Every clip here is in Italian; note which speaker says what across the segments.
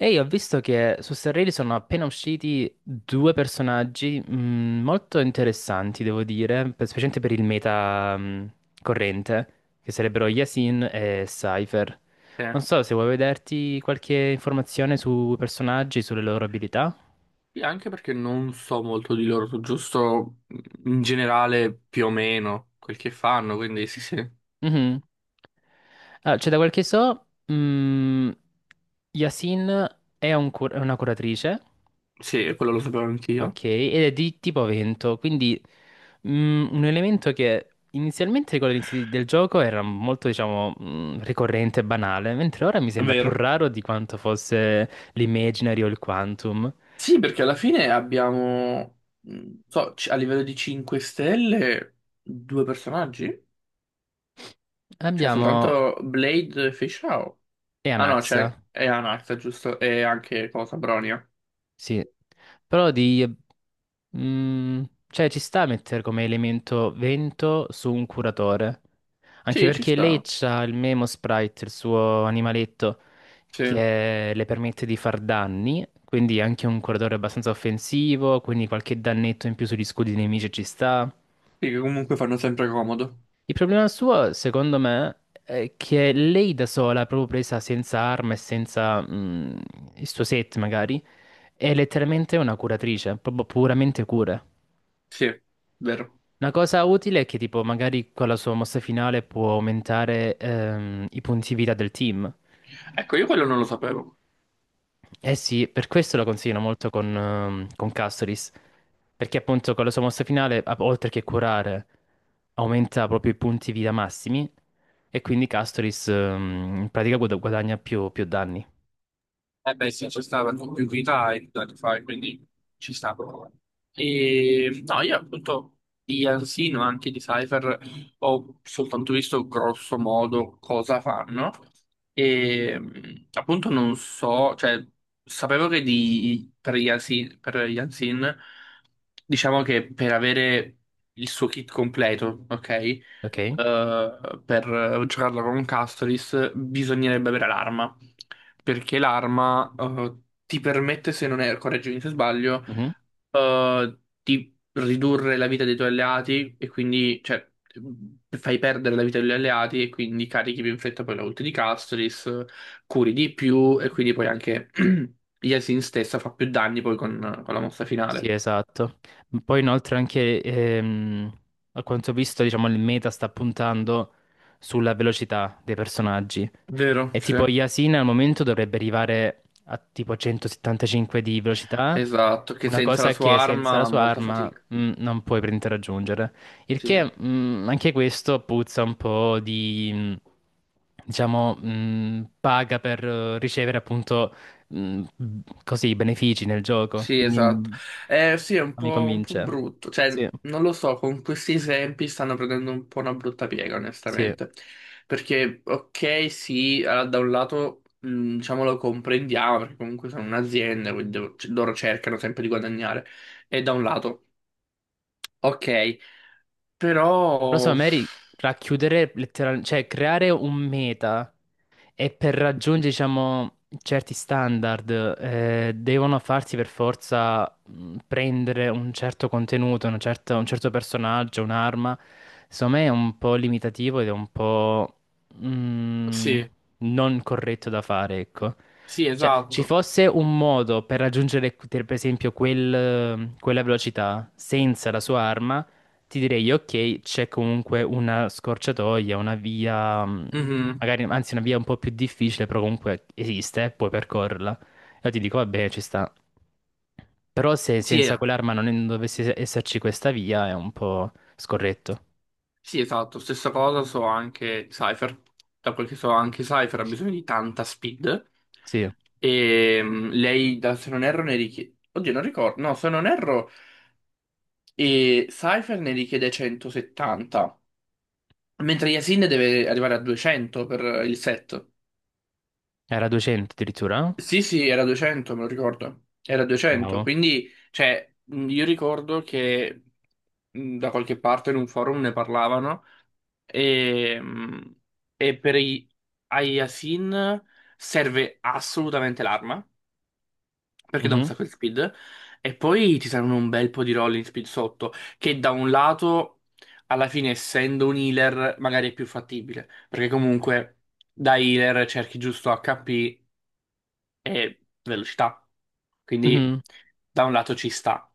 Speaker 1: Ehi, ho visto che su Starrelli sono appena usciti due personaggi molto interessanti, devo dire, specialmente per il meta corrente, che sarebbero Yasin e Cypher.
Speaker 2: Sì,
Speaker 1: Non so se vuoi vederti qualche informazione sui personaggi, sulle loro abilità.
Speaker 2: anche perché non so molto di loro, so giusto in generale più o meno quel che fanno, quindi sì, sì,
Speaker 1: Mhm. Cioè, da quel che so, Yasin è una curatrice.
Speaker 2: sì, quello lo sapevo anch'io.
Speaker 1: Ok, ed è di tipo vento, quindi un elemento che inizialmente con l'inizio del gioco era molto, diciamo, ricorrente e banale, mentre ora mi
Speaker 2: È
Speaker 1: sembra più
Speaker 2: vero.
Speaker 1: raro di quanto fosse l'Imaginary o il Quantum.
Speaker 2: Sì, perché alla fine abbiamo, so, a livello di 5 stelle, due personaggi? Cioè,
Speaker 1: Abbiamo
Speaker 2: soltanto Blade e Fischl. Ah no,
Speaker 1: Eanaxa,
Speaker 2: c'è e Anax, giusto? E anche cosa, Bronia.
Speaker 1: sì, però di... mm, cioè ci sta a mettere come elemento vento su un curatore, anche
Speaker 2: Sì, ci
Speaker 1: perché lei
Speaker 2: sta.
Speaker 1: c'ha il Memo Sprite, il suo animaletto.
Speaker 2: Sì. Sì,
Speaker 1: Che le permette di far danni, quindi anche un corridore abbastanza offensivo, quindi qualche dannetto in più sugli scudi dei nemici ci sta.
Speaker 2: che comunque fanno sempre comodo.
Speaker 1: Il problema suo, secondo me, è che lei da sola, proprio presa senza arma e senza il suo set magari, è letteralmente una curatrice, proprio puramente cura.
Speaker 2: Sì, vero.
Speaker 1: Una cosa utile è che tipo magari con la sua mossa finale può aumentare i punti vita del team.
Speaker 2: Ecco, io quello non lo sapevo.
Speaker 1: Eh sì, per questo lo consiglio molto con Castoris, perché appunto con la sua mossa finale, oltre che curare, aumenta proprio i punti vita massimi e quindi Castoris in pratica guadagna più, più danni,
Speaker 2: Eh beh sì, c'è stata più vita e tanti anni fa, quindi ci sta. E no, io appunto di Ansino, anche di Cypher, ho soltanto visto grosso modo cosa fanno e appunto non so, cioè sapevo che per Yansin, diciamo che per avere il suo kit completo, ok?
Speaker 1: ok?
Speaker 2: Per giocarlo con Castoris bisognerebbe avere l'arma, perché l'arma ti permette, se non erro, correggimi se sbaglio,
Speaker 1: Mhm.
Speaker 2: di ridurre la vita dei tuoi alleati e quindi, cioè, fai perdere la vita degli alleati e quindi carichi più in fretta poi la ult di Castris, curi di più e quindi poi anche Yasin stessa fa più danni poi con la mossa
Speaker 1: Sì,
Speaker 2: finale.
Speaker 1: esatto. Poi inoltre anche, a quanto ho visto, diciamo, il meta sta puntando sulla velocità dei personaggi.
Speaker 2: Vero,
Speaker 1: E
Speaker 2: sì.
Speaker 1: tipo Yasin al momento dovrebbe arrivare a tipo 175 di velocità,
Speaker 2: Esatto, che
Speaker 1: una
Speaker 2: senza la
Speaker 1: cosa
Speaker 2: sua
Speaker 1: che senza la
Speaker 2: arma
Speaker 1: sua
Speaker 2: molta
Speaker 1: arma
Speaker 2: fatica.
Speaker 1: non puoi prendere a raggiungere. Il
Speaker 2: Sì.
Speaker 1: che anche questo puzza un po' di, diciamo, paga per ricevere appunto così benefici nel gioco.
Speaker 2: Sì,
Speaker 1: Quindi
Speaker 2: esatto. Sì, è
Speaker 1: non mi
Speaker 2: un po'
Speaker 1: convince.
Speaker 2: brutto. Cioè,
Speaker 1: Sì,
Speaker 2: non lo so, con questi esempi stanno prendendo un po' una brutta piega,
Speaker 1: sì.
Speaker 2: onestamente. Perché, ok, sì, allora, da un lato, diciamo, lo comprendiamo, perché comunque sono un'azienda, quindi loro cercano sempre di guadagnare. E da un lato, ok,
Speaker 1: Però
Speaker 2: però...
Speaker 1: secondo me racchiudere letteralmente, cioè creare un meta e per raggiungere, diciamo, certi standard devono farsi per forza prendere un certo contenuto, un certo personaggio, un'arma. Secondo me è un po' limitativo ed è un po' mh,
Speaker 2: Sì,
Speaker 1: non corretto da fare, ecco.
Speaker 2: sì,
Speaker 1: Cioè, ci
Speaker 2: esatto.
Speaker 1: fosse un modo per raggiungere, per esempio, quella velocità senza la sua arma ti direi, ok, c'è comunque una scorciatoia, una via,
Speaker 2: Mhm.
Speaker 1: magari, anzi, una via un po' più difficile, però comunque esiste, puoi percorrerla. Io ti dico, vabbè, ci sta. Però se
Speaker 2: Sì,
Speaker 1: senza
Speaker 2: eh.
Speaker 1: quell'arma non dovesse esserci questa via, è un po' scorretto.
Speaker 2: Sì, esatto, stessa cosa so anche Cypher. Da quel che so anche Cypher ha bisogno di tanta speed.
Speaker 1: Sì,
Speaker 2: E lei, se non erro, ne richiede... Oddio, non ricordo. No, se non erro, e Cypher ne richiede 170. Mentre Yasin deve arrivare a 200 per il set.
Speaker 1: era 200 addirittura. Eh?
Speaker 2: Sì, sì, era 200, me lo ricordo. Era 200,
Speaker 1: Wow.
Speaker 2: quindi, cioè, io ricordo che da qualche parte in un forum ne parlavano e, mh, e per i Ayasin serve assolutamente l'arma, perché dà un
Speaker 1: Mhm,
Speaker 2: sacco di speed, e poi ti servono un bel po' di rolling speed sotto, che da un lato, alla fine, essendo un healer, magari è più fattibile, perché comunque da healer cerchi giusto HP e velocità. Quindi
Speaker 1: mhm.
Speaker 2: da un lato ci sta.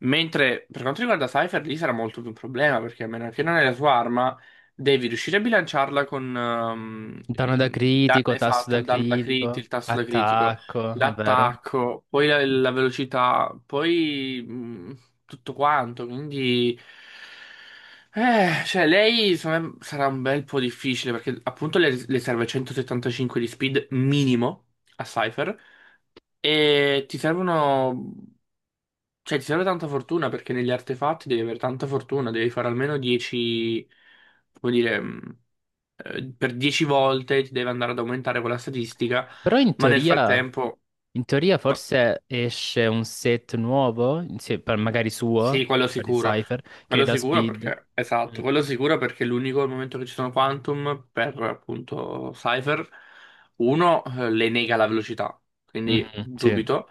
Speaker 2: Mentre per quanto riguarda Cypher, lì sarà molto più un problema perché a meno che non hai la sua arma, devi riuscire a bilanciarla con
Speaker 1: Danno da
Speaker 2: il danno
Speaker 1: critico, tasso
Speaker 2: esatto,
Speaker 1: da
Speaker 2: il danno da crit,
Speaker 1: critico,
Speaker 2: il tasso da critico,
Speaker 1: attacco, è vero.
Speaker 2: l'attacco, poi la velocità, poi tutto quanto, quindi... cioè, lei secondo me, sarà un bel po' difficile perché appunto le serve 175 di speed minimo a Cypher e ti servono... Cioè, ti serve tanta fortuna perché negli artefatti devi avere tanta fortuna, devi fare almeno 10... come dire... per 10 volte ti deve andare ad aumentare quella statistica,
Speaker 1: Però in
Speaker 2: ma nel
Speaker 1: teoria.
Speaker 2: frattempo...
Speaker 1: In teoria forse esce un set nuovo, magari suo,
Speaker 2: Sì, quello
Speaker 1: per il
Speaker 2: sicuro.
Speaker 1: Cypher, che è
Speaker 2: Quello
Speaker 1: da
Speaker 2: sicuro
Speaker 1: Speed.
Speaker 2: perché, esatto,
Speaker 1: Mm.
Speaker 2: quello sicuro perché è l'unico momento che ci sono Quantum per appunto Cypher, uno le nega la velocità, quindi
Speaker 1: Mhm, sì,
Speaker 2: dubito.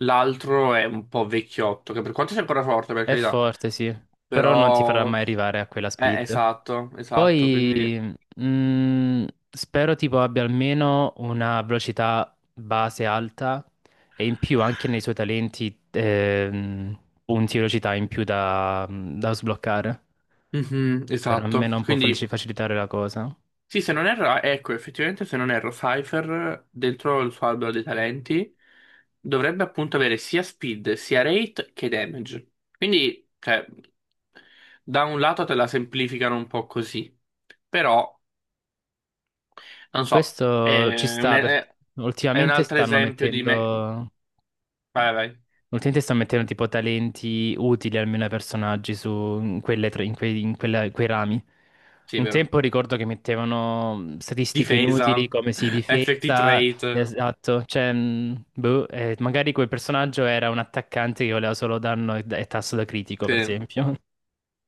Speaker 2: L'altro è un po' vecchiotto, che per quanto sia ancora forte, per
Speaker 1: è
Speaker 2: carità,
Speaker 1: forte, sì, però non ti farà
Speaker 2: però...
Speaker 1: mai arrivare a quella Speed.
Speaker 2: Esatto, esatto, quindi...
Speaker 1: Poi mm, spero tipo abbia almeno una velocità base alta e in più anche nei suoi talenti punti di velocità in più da, da sbloccare,
Speaker 2: Mhm,
Speaker 1: per
Speaker 2: esatto,
Speaker 1: almeno un po'
Speaker 2: quindi
Speaker 1: facilitare la cosa.
Speaker 2: sì, se non erro, ah, ecco, effettivamente se non erro, Cypher dentro il suo albero dei talenti dovrebbe appunto avere sia speed, sia rate che damage. Quindi, cioè, da un lato te la semplificano un po' così, però, non so,
Speaker 1: Questo ci
Speaker 2: è un,
Speaker 1: sta perché
Speaker 2: è un
Speaker 1: ultimamente
Speaker 2: altro
Speaker 1: stanno
Speaker 2: esempio di me...
Speaker 1: mettendo,
Speaker 2: Vai, vai,
Speaker 1: ultimamente stanno mettendo tipo talenti utili almeno ai personaggi su in quelle tre- in quei, in quella- in quei rami.
Speaker 2: sì, è
Speaker 1: Un
Speaker 2: vero.
Speaker 1: tempo ricordo che mettevano statistiche inutili
Speaker 2: Difesa,
Speaker 1: come si
Speaker 2: effective
Speaker 1: difesa,
Speaker 2: rate,
Speaker 1: esatto, cioè, boh, magari quel personaggio era un attaccante che voleva solo danno e tasso da critico, per
Speaker 2: sì.
Speaker 1: esempio.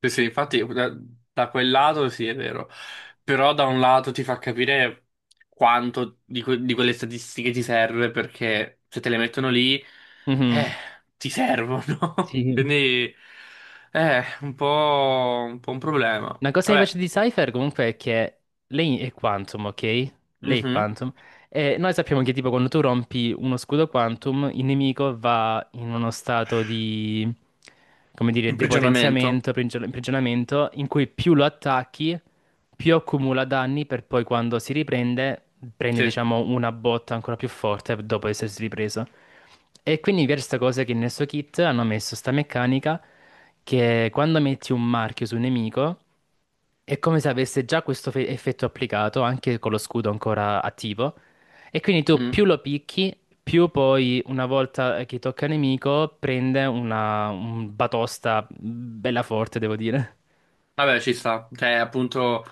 Speaker 2: Sì, sì, infatti da, da quel lato sì, è vero, però da un lato ti fa capire quanto di, di quelle statistiche ti serve perché se te le mettono lì, eh,
Speaker 1: Mhm.
Speaker 2: ti servono.
Speaker 1: Sì.
Speaker 2: Quindi è un po', un po' un problema.
Speaker 1: Una cosa che mi piace
Speaker 2: Vabbè,
Speaker 1: di Cypher comunque è che lei è Quantum, ok? Lei è
Speaker 2: mhm.
Speaker 1: Quantum. E noi sappiamo che tipo quando tu rompi uno scudo Quantum, il nemico va in uno stato di, come dire,
Speaker 2: Imprigionamento,
Speaker 1: depotenziamento, imprigionamento, in cui più lo attacchi, più accumula danni per poi quando si riprende, prende
Speaker 2: sì.
Speaker 1: diciamo una botta ancora più forte dopo essersi ripreso. E quindi mi piace questa cosa che nel suo kit hanno messo sta meccanica che quando metti un marchio su un nemico è come se avesse già questo effetto applicato, anche con lo scudo ancora attivo. E quindi tu
Speaker 2: Mm.
Speaker 1: più lo picchi, più poi, una volta che tocca il nemico, prende una un batosta bella forte, devo dire.
Speaker 2: Vabbè, ci sta. Cioè, appunto,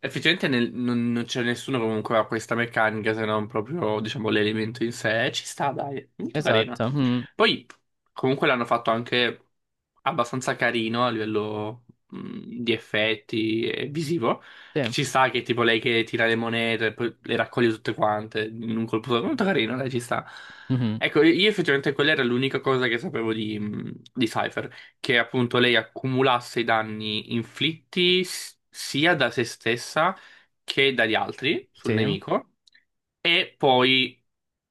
Speaker 2: effettivamente non c'è nessuno comunque che ha questa meccanica se non proprio, diciamo, l'elemento in sé. Ci sta, dai. Molto carina.
Speaker 1: Esatto. Mhm,
Speaker 2: Poi, comunque l'hanno fatto anche abbastanza carino a livello di effetti e visivo.
Speaker 1: sì.
Speaker 2: Che ci sta che tipo lei che tira le monete e poi le raccoglie tutte quante in un colpo solo. Molto carino, dai, ci sta.
Speaker 1: Mhm,
Speaker 2: Ecco, io effettivamente quella era l'unica cosa che sapevo di Cypher, che appunto lei accumulasse i danni inflitti sia da se stessa che dagli altri sul
Speaker 1: sì.
Speaker 2: nemico, e poi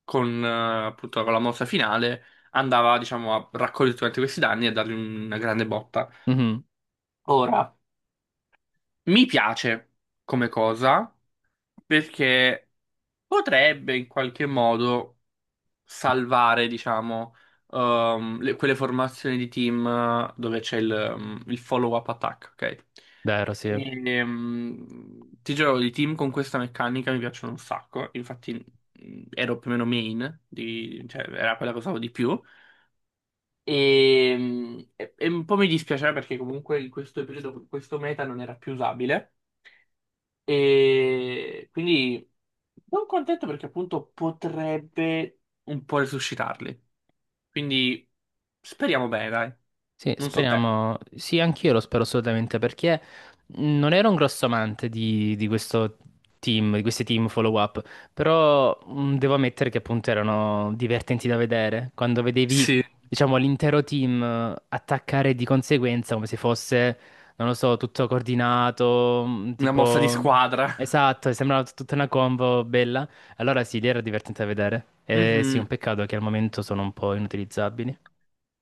Speaker 2: con appunto con la mossa finale andava diciamo a raccogliere tutti questi danni e dargli una grande botta.
Speaker 1: Mhm,
Speaker 2: Ora, mi piace come cosa perché potrebbe in qualche modo salvare, diciamo, quelle formazioni di team, dove c'è il follow-up attack, ok?
Speaker 1: vero, sì.
Speaker 2: E, ti giuro, i team con questa meccanica mi piacciono un sacco, infatti ero più o meno main, cioè era quella che usavo di più. E, e un po' mi dispiaceva perché comunque in questo periodo questo meta non era più usabile e quindi non contento perché appunto potrebbe un po' resuscitarli. Quindi speriamo bene, dai.
Speaker 1: Sì,
Speaker 2: Non so te.
Speaker 1: speriamo. Sì, anch'io lo spero assolutamente perché non ero un grosso amante di questo team, di questi team follow-up, però devo ammettere che appunto erano divertenti da vedere. Quando vedevi,
Speaker 2: Sì,
Speaker 1: diciamo, l'intero team attaccare di conseguenza come se fosse, non lo so, tutto coordinato,
Speaker 2: una mossa di
Speaker 1: tipo...
Speaker 2: squadra.
Speaker 1: Esatto, sembrava tutta una combo bella. Allora sì, lì era divertente da vedere. Sì, un
Speaker 2: Mhm.
Speaker 1: peccato che al momento sono un po' inutilizzabili.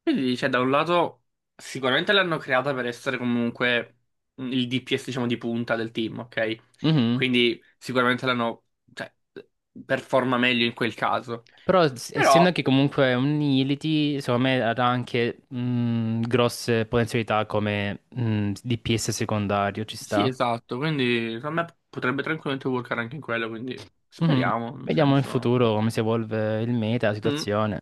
Speaker 2: Quindi, cioè, da un lato, sicuramente l'hanno creata per essere comunque il DPS, diciamo, di punta del team, ok?
Speaker 1: Mhm.
Speaker 2: Quindi sicuramente l'hanno, cioè, performa meglio in quel caso.
Speaker 1: Però
Speaker 2: Però,
Speaker 1: essendo che comunque è un Unity, secondo me ha anche grosse potenzialità come DPS secondario, ci
Speaker 2: sì,
Speaker 1: sta.
Speaker 2: esatto, quindi secondo me potrebbe tranquillamente workare anche in quello, quindi
Speaker 1: Mhm.
Speaker 2: speriamo, nel
Speaker 1: Vediamo in
Speaker 2: senso...
Speaker 1: futuro come si evolve il meta, la
Speaker 2: Mm.
Speaker 1: situazione.